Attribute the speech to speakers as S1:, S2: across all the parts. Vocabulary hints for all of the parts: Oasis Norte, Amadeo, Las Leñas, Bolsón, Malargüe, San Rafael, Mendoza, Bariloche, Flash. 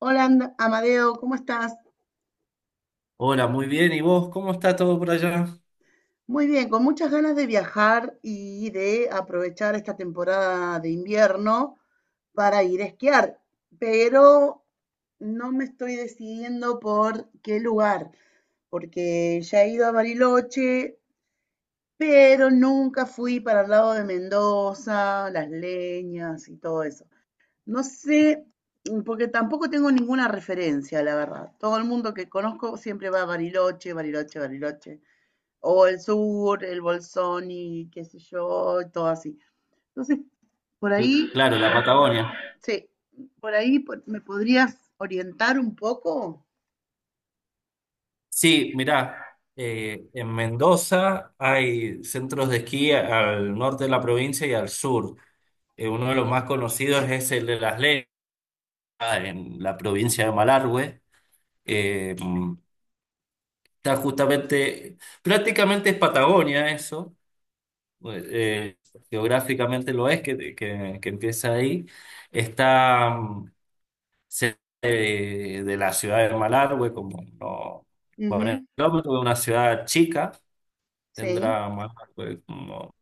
S1: Hola, Amadeo, ¿cómo estás?
S2: Hola, muy bien. ¿Y vos? ¿Cómo está todo por allá?
S1: Muy bien, con muchas ganas de viajar y de aprovechar esta temporada de invierno para ir a esquiar, pero no me estoy decidiendo por qué lugar, porque ya he ido a Bariloche, pero nunca fui para el lado de Mendoza, Las Leñas y todo eso. No sé, porque tampoco tengo ninguna referencia, la verdad. Todo el mundo que conozco siempre va a Bariloche, Bariloche, Bariloche, o el sur, el Bolsón y qué sé yo, y todo así. Entonces, por ahí,
S2: Claro, la Patagonia.
S1: sí, por ahí me podrías orientar un poco.
S2: Sí, mirá, en Mendoza hay centros de esquí al norte de la provincia y al sur. Uno de los más conocidos es el de Las Leñas, en la provincia de Malargüe. Eh, mm, está justamente, prácticamente es Patagonia eso, geográficamente lo es, que empieza ahí. Está. mm, Cerca de la ciudad de Malargüe, como no
S1: Ujú,
S2: 40 kilómetros, de una ciudad chica,
S1: sí.
S2: tendrá Malargüe como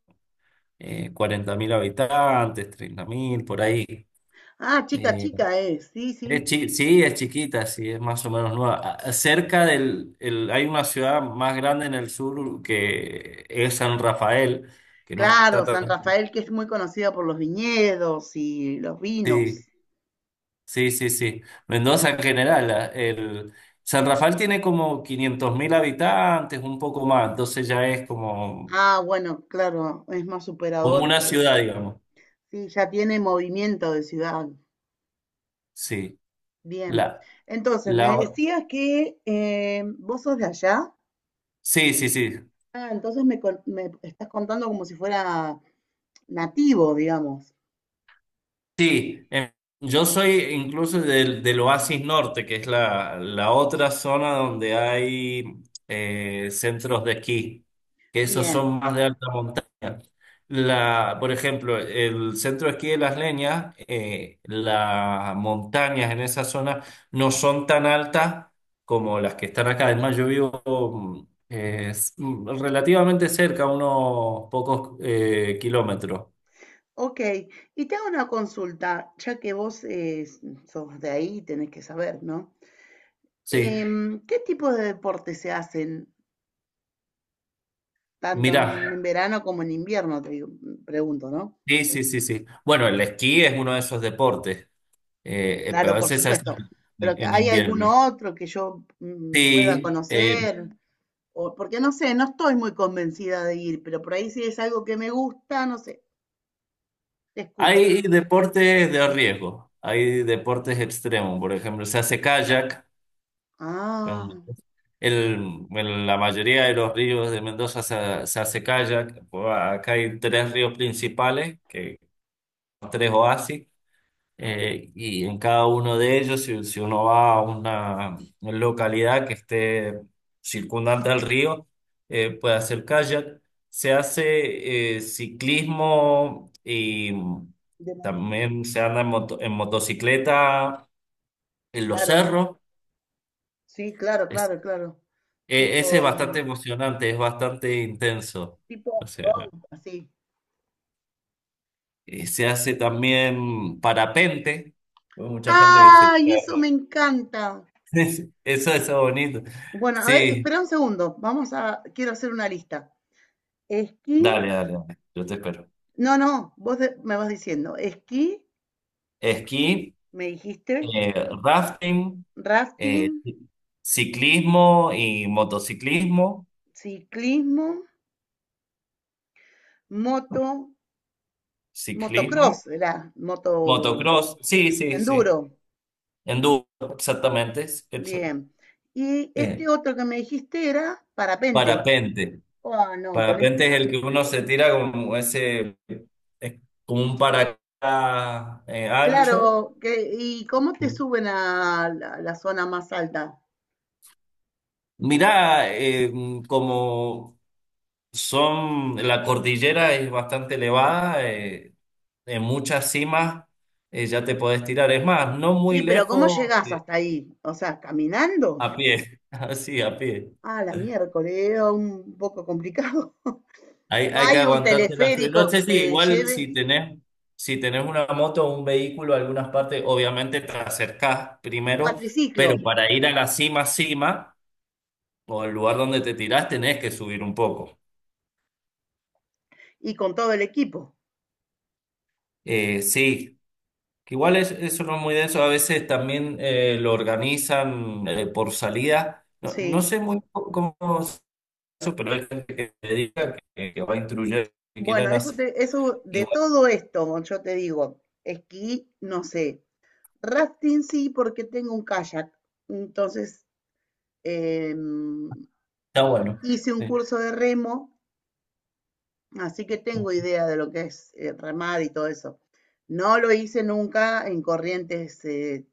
S2: 40.000 habitantes, 30.000 por ahí.
S1: Ah, chica,
S2: Eh,
S1: chica es, sí, sí.
S2: sí, es chiquita, sí, es más o menos nueva. Cerca del, hay una ciudad más grande en el sur que es San Rafael, que no está
S1: Claro, San
S2: tan...
S1: Rafael, que es muy conocida por los viñedos y los vinos.
S2: Sí. Sí, sí, sí. Mendoza en general, el San Rafael tiene como 500.000 habitantes, un poco más, entonces ya es como,
S1: Ah, bueno, claro, es más
S2: como una
S1: superador.
S2: ciudad, digamos.
S1: Sí, ya tiene movimiento de ciudad.
S2: Sí.
S1: Bien.
S2: La,
S1: Entonces,
S2: la,
S1: me
S2: o-
S1: decías que vos sos de allá.
S2: sí, sí, sí.
S1: Ah, entonces me estás contando como si fuera nativo, digamos.
S2: Sí, yo soy incluso del Oasis Norte, que es la otra zona donde hay centros de esquí, que esos
S1: Bien,
S2: son más de alta montaña. Por ejemplo, el centro de esquí de Las Leñas, las montañas en esa zona no son tan altas como las que están acá. Además, yo vivo relativamente cerca, unos pocos kilómetros.
S1: ok. Y te hago una consulta, ya que vos sos de ahí, tenés que saber, ¿no?
S2: Sí,
S1: ¿Qué tipo de deportes se hacen tanto
S2: mirá.
S1: en verano como en invierno? Te digo, pregunto, ¿no?
S2: Sí, sí, sí, sí. Bueno, el esquí es uno de esos deportes, pero a
S1: Claro, por
S2: veces se hace
S1: supuesto. Pero que
S2: en
S1: ¿hay
S2: invierno.
S1: alguno otro que yo pueda
S2: Sí,
S1: conocer? O, porque no sé, no estoy muy convencida de ir, pero por ahí si es algo que me gusta, no sé, te escucho.
S2: hay deportes de riesgo, hay deportes extremos, por ejemplo, se hace kayak,
S1: Ah.
S2: en, en la mayoría de los ríos de Mendoza se hace kayak. Bueno, acá hay tres ríos principales, que, tres oasis. Y en cada uno de ellos, si uno va a una localidad que esté circundante al río, puede hacer kayak. Se hace ciclismo y
S1: de monta-
S2: también se anda en motocicleta en los
S1: claro,
S2: cerros.
S1: sí, claro,
S2: Es-
S1: claro, claro.
S2: Ese es
S1: Tipo,
S2: bastante emocionante, es bastante intenso.
S1: tipo
S2: O sea,
S1: off-road, así.
S2: se hace también parapente. Hay mucha gente que se...
S1: ¡Ay, eso me encanta!
S2: Eso es bonito.
S1: Bueno, a ver,
S2: Sí.
S1: espera un segundo. Vamos a, quiero hacer una lista. Esquí,
S2: Dale, dale, dale. Yo te espero.
S1: no, no, me vas diciendo. Esquí,
S2: Esquí,
S1: me dijiste,
S2: eh, rafting,
S1: rafting,
S2: eh, ciclismo y motociclismo,
S1: ciclismo, moto, motocross,
S2: ciclismo,
S1: era moto
S2: motocross, sí, sí, sí.
S1: enduro.
S2: Enduro, exactamente.
S1: Bien. Y
S2: Eh,
S1: este otro que me dijiste era parapente.
S2: Parapente.
S1: Oh, no, con
S2: Parapente es
S1: esto.
S2: el que uno se tira como ese, es como un paracaídas ancho.
S1: Claro, que, ¿y cómo te suben a la, la zona más alta?
S2: Mira, como Son, la cordillera es bastante elevada, en muchas cimas ya te podés tirar. Es más, no muy
S1: Sí, pero ¿cómo
S2: lejos,
S1: llegás hasta ahí? O sea,
S2: a
S1: ¿caminando?
S2: pie, así, a pie.
S1: Ah, la miércoles, era un poco complicado.
S2: Hay,
S1: ¿No
S2: hay que
S1: hay un
S2: aguantarse la frío.
S1: teleférico
S2: No
S1: que
S2: sé si
S1: te
S2: igual si
S1: lleve?
S2: tenés, si tenés una moto o un vehículo, algunas partes, obviamente te acercás primero,
S1: Cuatriciclo
S2: pero para ir a la cima, cima, o el lugar donde te tirás, tenés que subir un poco.
S1: y con todo el equipo.
S2: Sí. Que igual es, eso no es muy denso, a veces también lo organizan por salida. No,
S1: Sí.
S2: no sé muy cómo es eso, pero hay gente que se dedica, que va a instruir, que
S1: Bueno,
S2: quieren
S1: eso
S2: hacer.
S1: te, eso de
S2: Igual
S1: todo esto, yo te digo, esquí, no sé. Rafting sí, porque tengo un kayak. Entonces, em,
S2: está bueno.
S1: hice un
S2: Sí.
S1: curso de remo. Así que tengo idea de lo que es remar y todo eso. No lo hice nunca en corrientes, eh,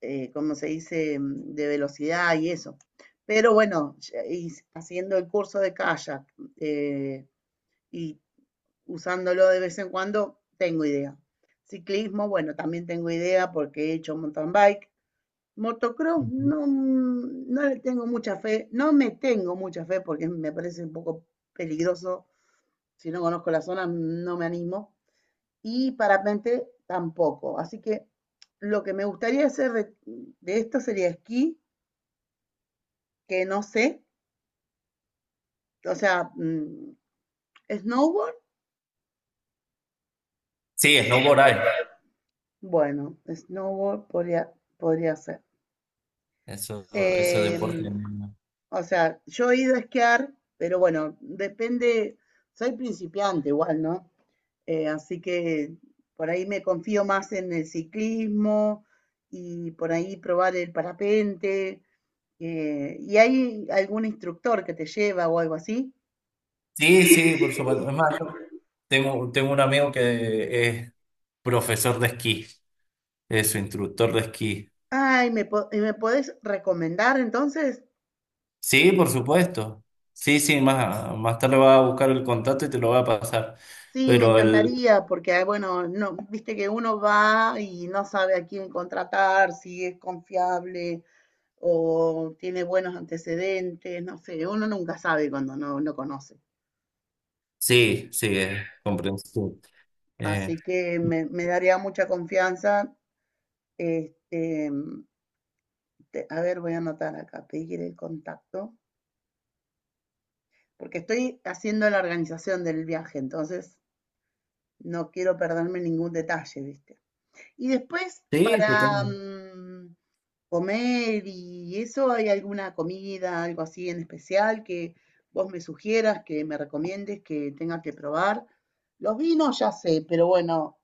S1: eh, como se dice, de velocidad y eso. Pero bueno, haciendo el curso de kayak eh, y usándolo de vez en cuando, tengo idea. Ciclismo, bueno, también tengo idea porque he hecho mountain bike. Motocross,
S2: Ujú.
S1: no, no le tengo mucha fe, no me tengo mucha fe porque me parece un poco peligroso, si no conozco la zona, no me animo. Y parapente tampoco. Así que lo que me gustaría hacer de esto sería esquí, que no sé. O sea, snowboard,
S2: Sí, snowboard hay.
S1: bueno, snowboard podría, podría ser.
S2: Eso, eso
S1: Eh,
S2: deporte.
S1: o sea, yo he ido a esquiar, pero bueno, depende, soy principiante igual, ¿no? Así que por ahí me confío más en el ciclismo y por ahí probar el parapente. ¿Y hay algún instructor que te lleva o algo así?
S2: Sí, sí, por supuesto. Es más, yo tengo un amigo que es profesor de esquí, es su instructor de esquí.
S1: Ay, ¿ y me podés recomendar entonces?
S2: Sí, por supuesto. Sí, sí, más tarde va a buscar el contacto y te lo va a pasar.
S1: Sí, me
S2: Pero el...
S1: encantaría, porque ah, bueno, no, viste que uno va y no sabe a quién contratar, si es confiable o tiene buenos antecedentes, no sé, uno nunca sabe cuando no, no conoce.
S2: Sí, sí, es comprensible. Eh,
S1: Así que me daría mucha confianza. Este, a ver, voy a anotar acá, pedir el contacto, porque estoy haciendo la organización del viaje, entonces no quiero perderme ningún detalle, ¿viste? Y después
S2: sí,
S1: para
S2: totalmente.
S1: comer y eso, ¿hay alguna comida, algo así en especial que vos me sugieras, que me recomiendes, que tenga que probar? Los vinos ya sé, pero bueno,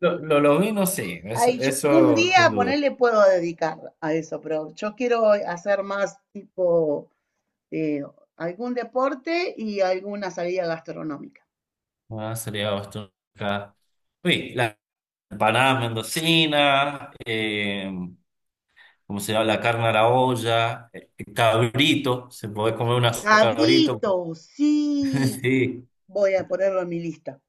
S2: Lo vi, no sé, eso,
S1: hay, un
S2: eso sin
S1: día
S2: duda.
S1: ponerle puedo dedicar a eso, pero yo quiero hacer más tipo eh, algún deporte y alguna salida gastronómica.
S2: Ah, sería bastante acá. Uy, las empanadas mendocinas, ¿cómo se llama? La carne a la olla, cabrito, se puede comer una cabrito.
S1: Cabrito, sí,
S2: Sí.
S1: voy a ponerlo en mi lista.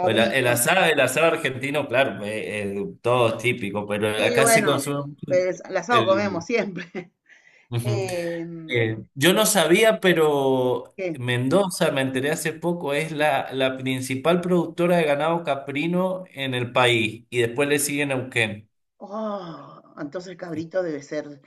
S2: O el, el asado argentino, claro, todo es típico, pero
S1: Sí,
S2: acá se
S1: bueno,
S2: consume mucho
S1: pues al asado comemos
S2: el...
S1: siempre.
S2: Ujú.
S1: Em,
S2: Yo no sabía, pero
S1: ¿qué?
S2: Mendoza, me enteré hace poco, es la principal productora de ganado caprino en el país y después le sigue Neuquén.
S1: Oh, entonces cabrito debe ser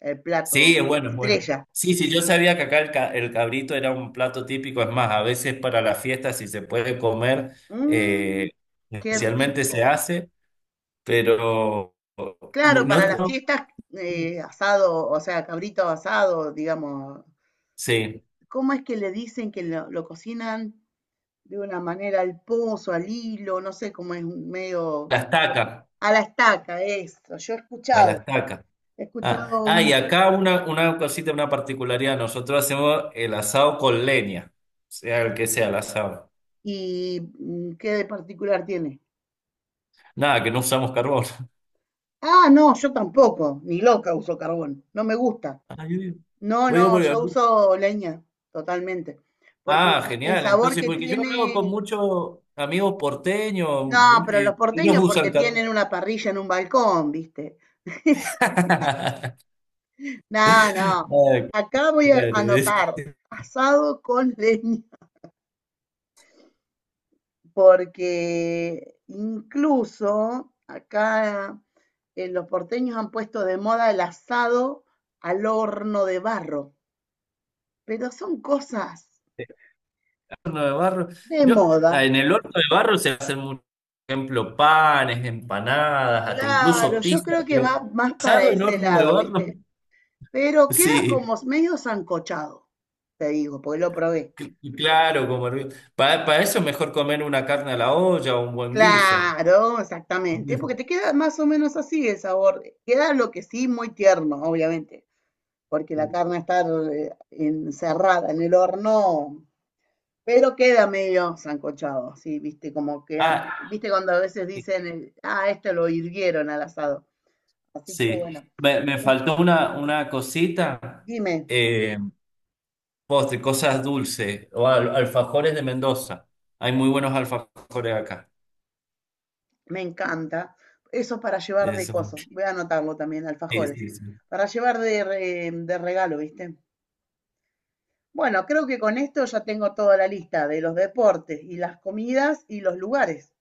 S1: el plato
S2: Sí, es bueno, es bueno.
S1: estrella.
S2: Sí, sí, yo sabía que acá el cabrito era un plato típico, es más, a veces para las fiestas si se puede comer,
S1: Mm,
S2: eh,
S1: qué
S2: especialmente se
S1: rico.
S2: hace. Pero
S1: Claro,
S2: no,
S1: para las
S2: no-
S1: fiestas, asado, o sea, cabrito asado, digamos.
S2: sí,
S1: ¿Cómo es que le dicen que lo cocinan de una manera al pozo, al hilo? No sé cómo es, un
S2: a
S1: medio.
S2: la estaca,
S1: A la estaca, eso. Yo
S2: a la estaca.
S1: he
S2: Ah,
S1: escuchado
S2: ah,
S1: un...
S2: y acá una cosita, una particularidad, nosotros hacemos el asado con leña, sea el que sea el asado.
S1: ¿Y qué de particular tiene?
S2: Nada, que no usamos carbón.
S1: Ah, no, yo tampoco, ni loca uso carbón, no me gusta.
S2: Ah, yo digo-
S1: No,
S2: yo digo
S1: no, yo
S2: porque-
S1: uso leña, totalmente. Porque el,
S2: ah,
S1: el
S2: genial.
S1: sabor
S2: Entonces,
S1: que
S2: porque yo he hablado con
S1: tiene...
S2: muchos amigos porteños
S1: No, pero los
S2: y ellos
S1: porteños porque
S2: usan carbón.
S1: tienen una parrilla en un balcón, ¿viste? Es- No, no.
S2: Ah,
S1: Acá voy a
S2: claro.
S1: anotar, asado con leña, porque incluso acá los porteños han puesto de moda el asado al horno de barro, pero son cosas
S2: Horno de barro.
S1: de
S2: Yo, ah,
S1: moda.
S2: en el horno de barro se hacen, mucho, por ejemplo, panes, empanadas, hasta
S1: Claro,
S2: incluso
S1: yo
S2: pizza,
S1: creo que
S2: pero
S1: va más para
S2: asado en
S1: ese
S2: horno de
S1: lado,
S2: barro.
S1: ¿viste? Pero queda
S2: Sí,
S1: como medio sancochado, te digo, porque lo probé.
S2: claro, como para eso es mejor comer una carne a la olla o un buen guiso.
S1: Claro, exactamente, porque te queda más o menos así el sabor. Queda lo que sí muy tierno, obviamente, porque la
S2: Sí.
S1: carne está encerrada en el horno, pero queda medio sancochado. ¿Sí? Viste, como que, ah,
S2: Ah,
S1: viste cuando a veces dicen, ah, esto lo hirvieron al asado. Así que
S2: sí.
S1: bueno,
S2: Me faltó una cosita,
S1: dime,
S2: eh, postre, cosas dulces, alfajores de Mendoza. Hay muy buenos alfajores acá.
S1: me encanta. Eso para llevar de
S2: Eso.
S1: coso, voy a anotarlo también,
S2: Sí,
S1: alfajores,
S2: sí, sí.
S1: para llevar de, de regalo, ¿viste? Bueno, creo que con esto ya tengo toda la lista de los deportes y las comidas y los lugares.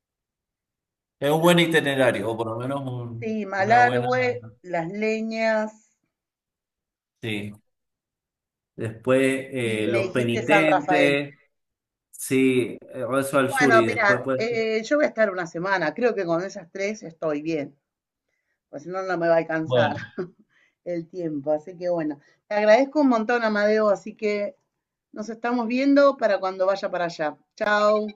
S2: Es un buen itinerario, o por lo menos
S1: Sí,
S2: una buena.
S1: Malargüe, Las Leñas,
S2: Sí. Después
S1: y me
S2: los
S1: dijiste San Rafael.
S2: penitentes, sí, eso al sur
S1: Bueno,
S2: y después
S1: mira,
S2: pues.
S1: yo voy a estar una semana. Creo que con esas tres estoy bien. Pues si no, no me va a alcanzar
S2: Bueno.
S1: el tiempo. Así que bueno, te agradezco un montón, Amadeo. Así que nos estamos viendo para cuando vaya para allá. Chao.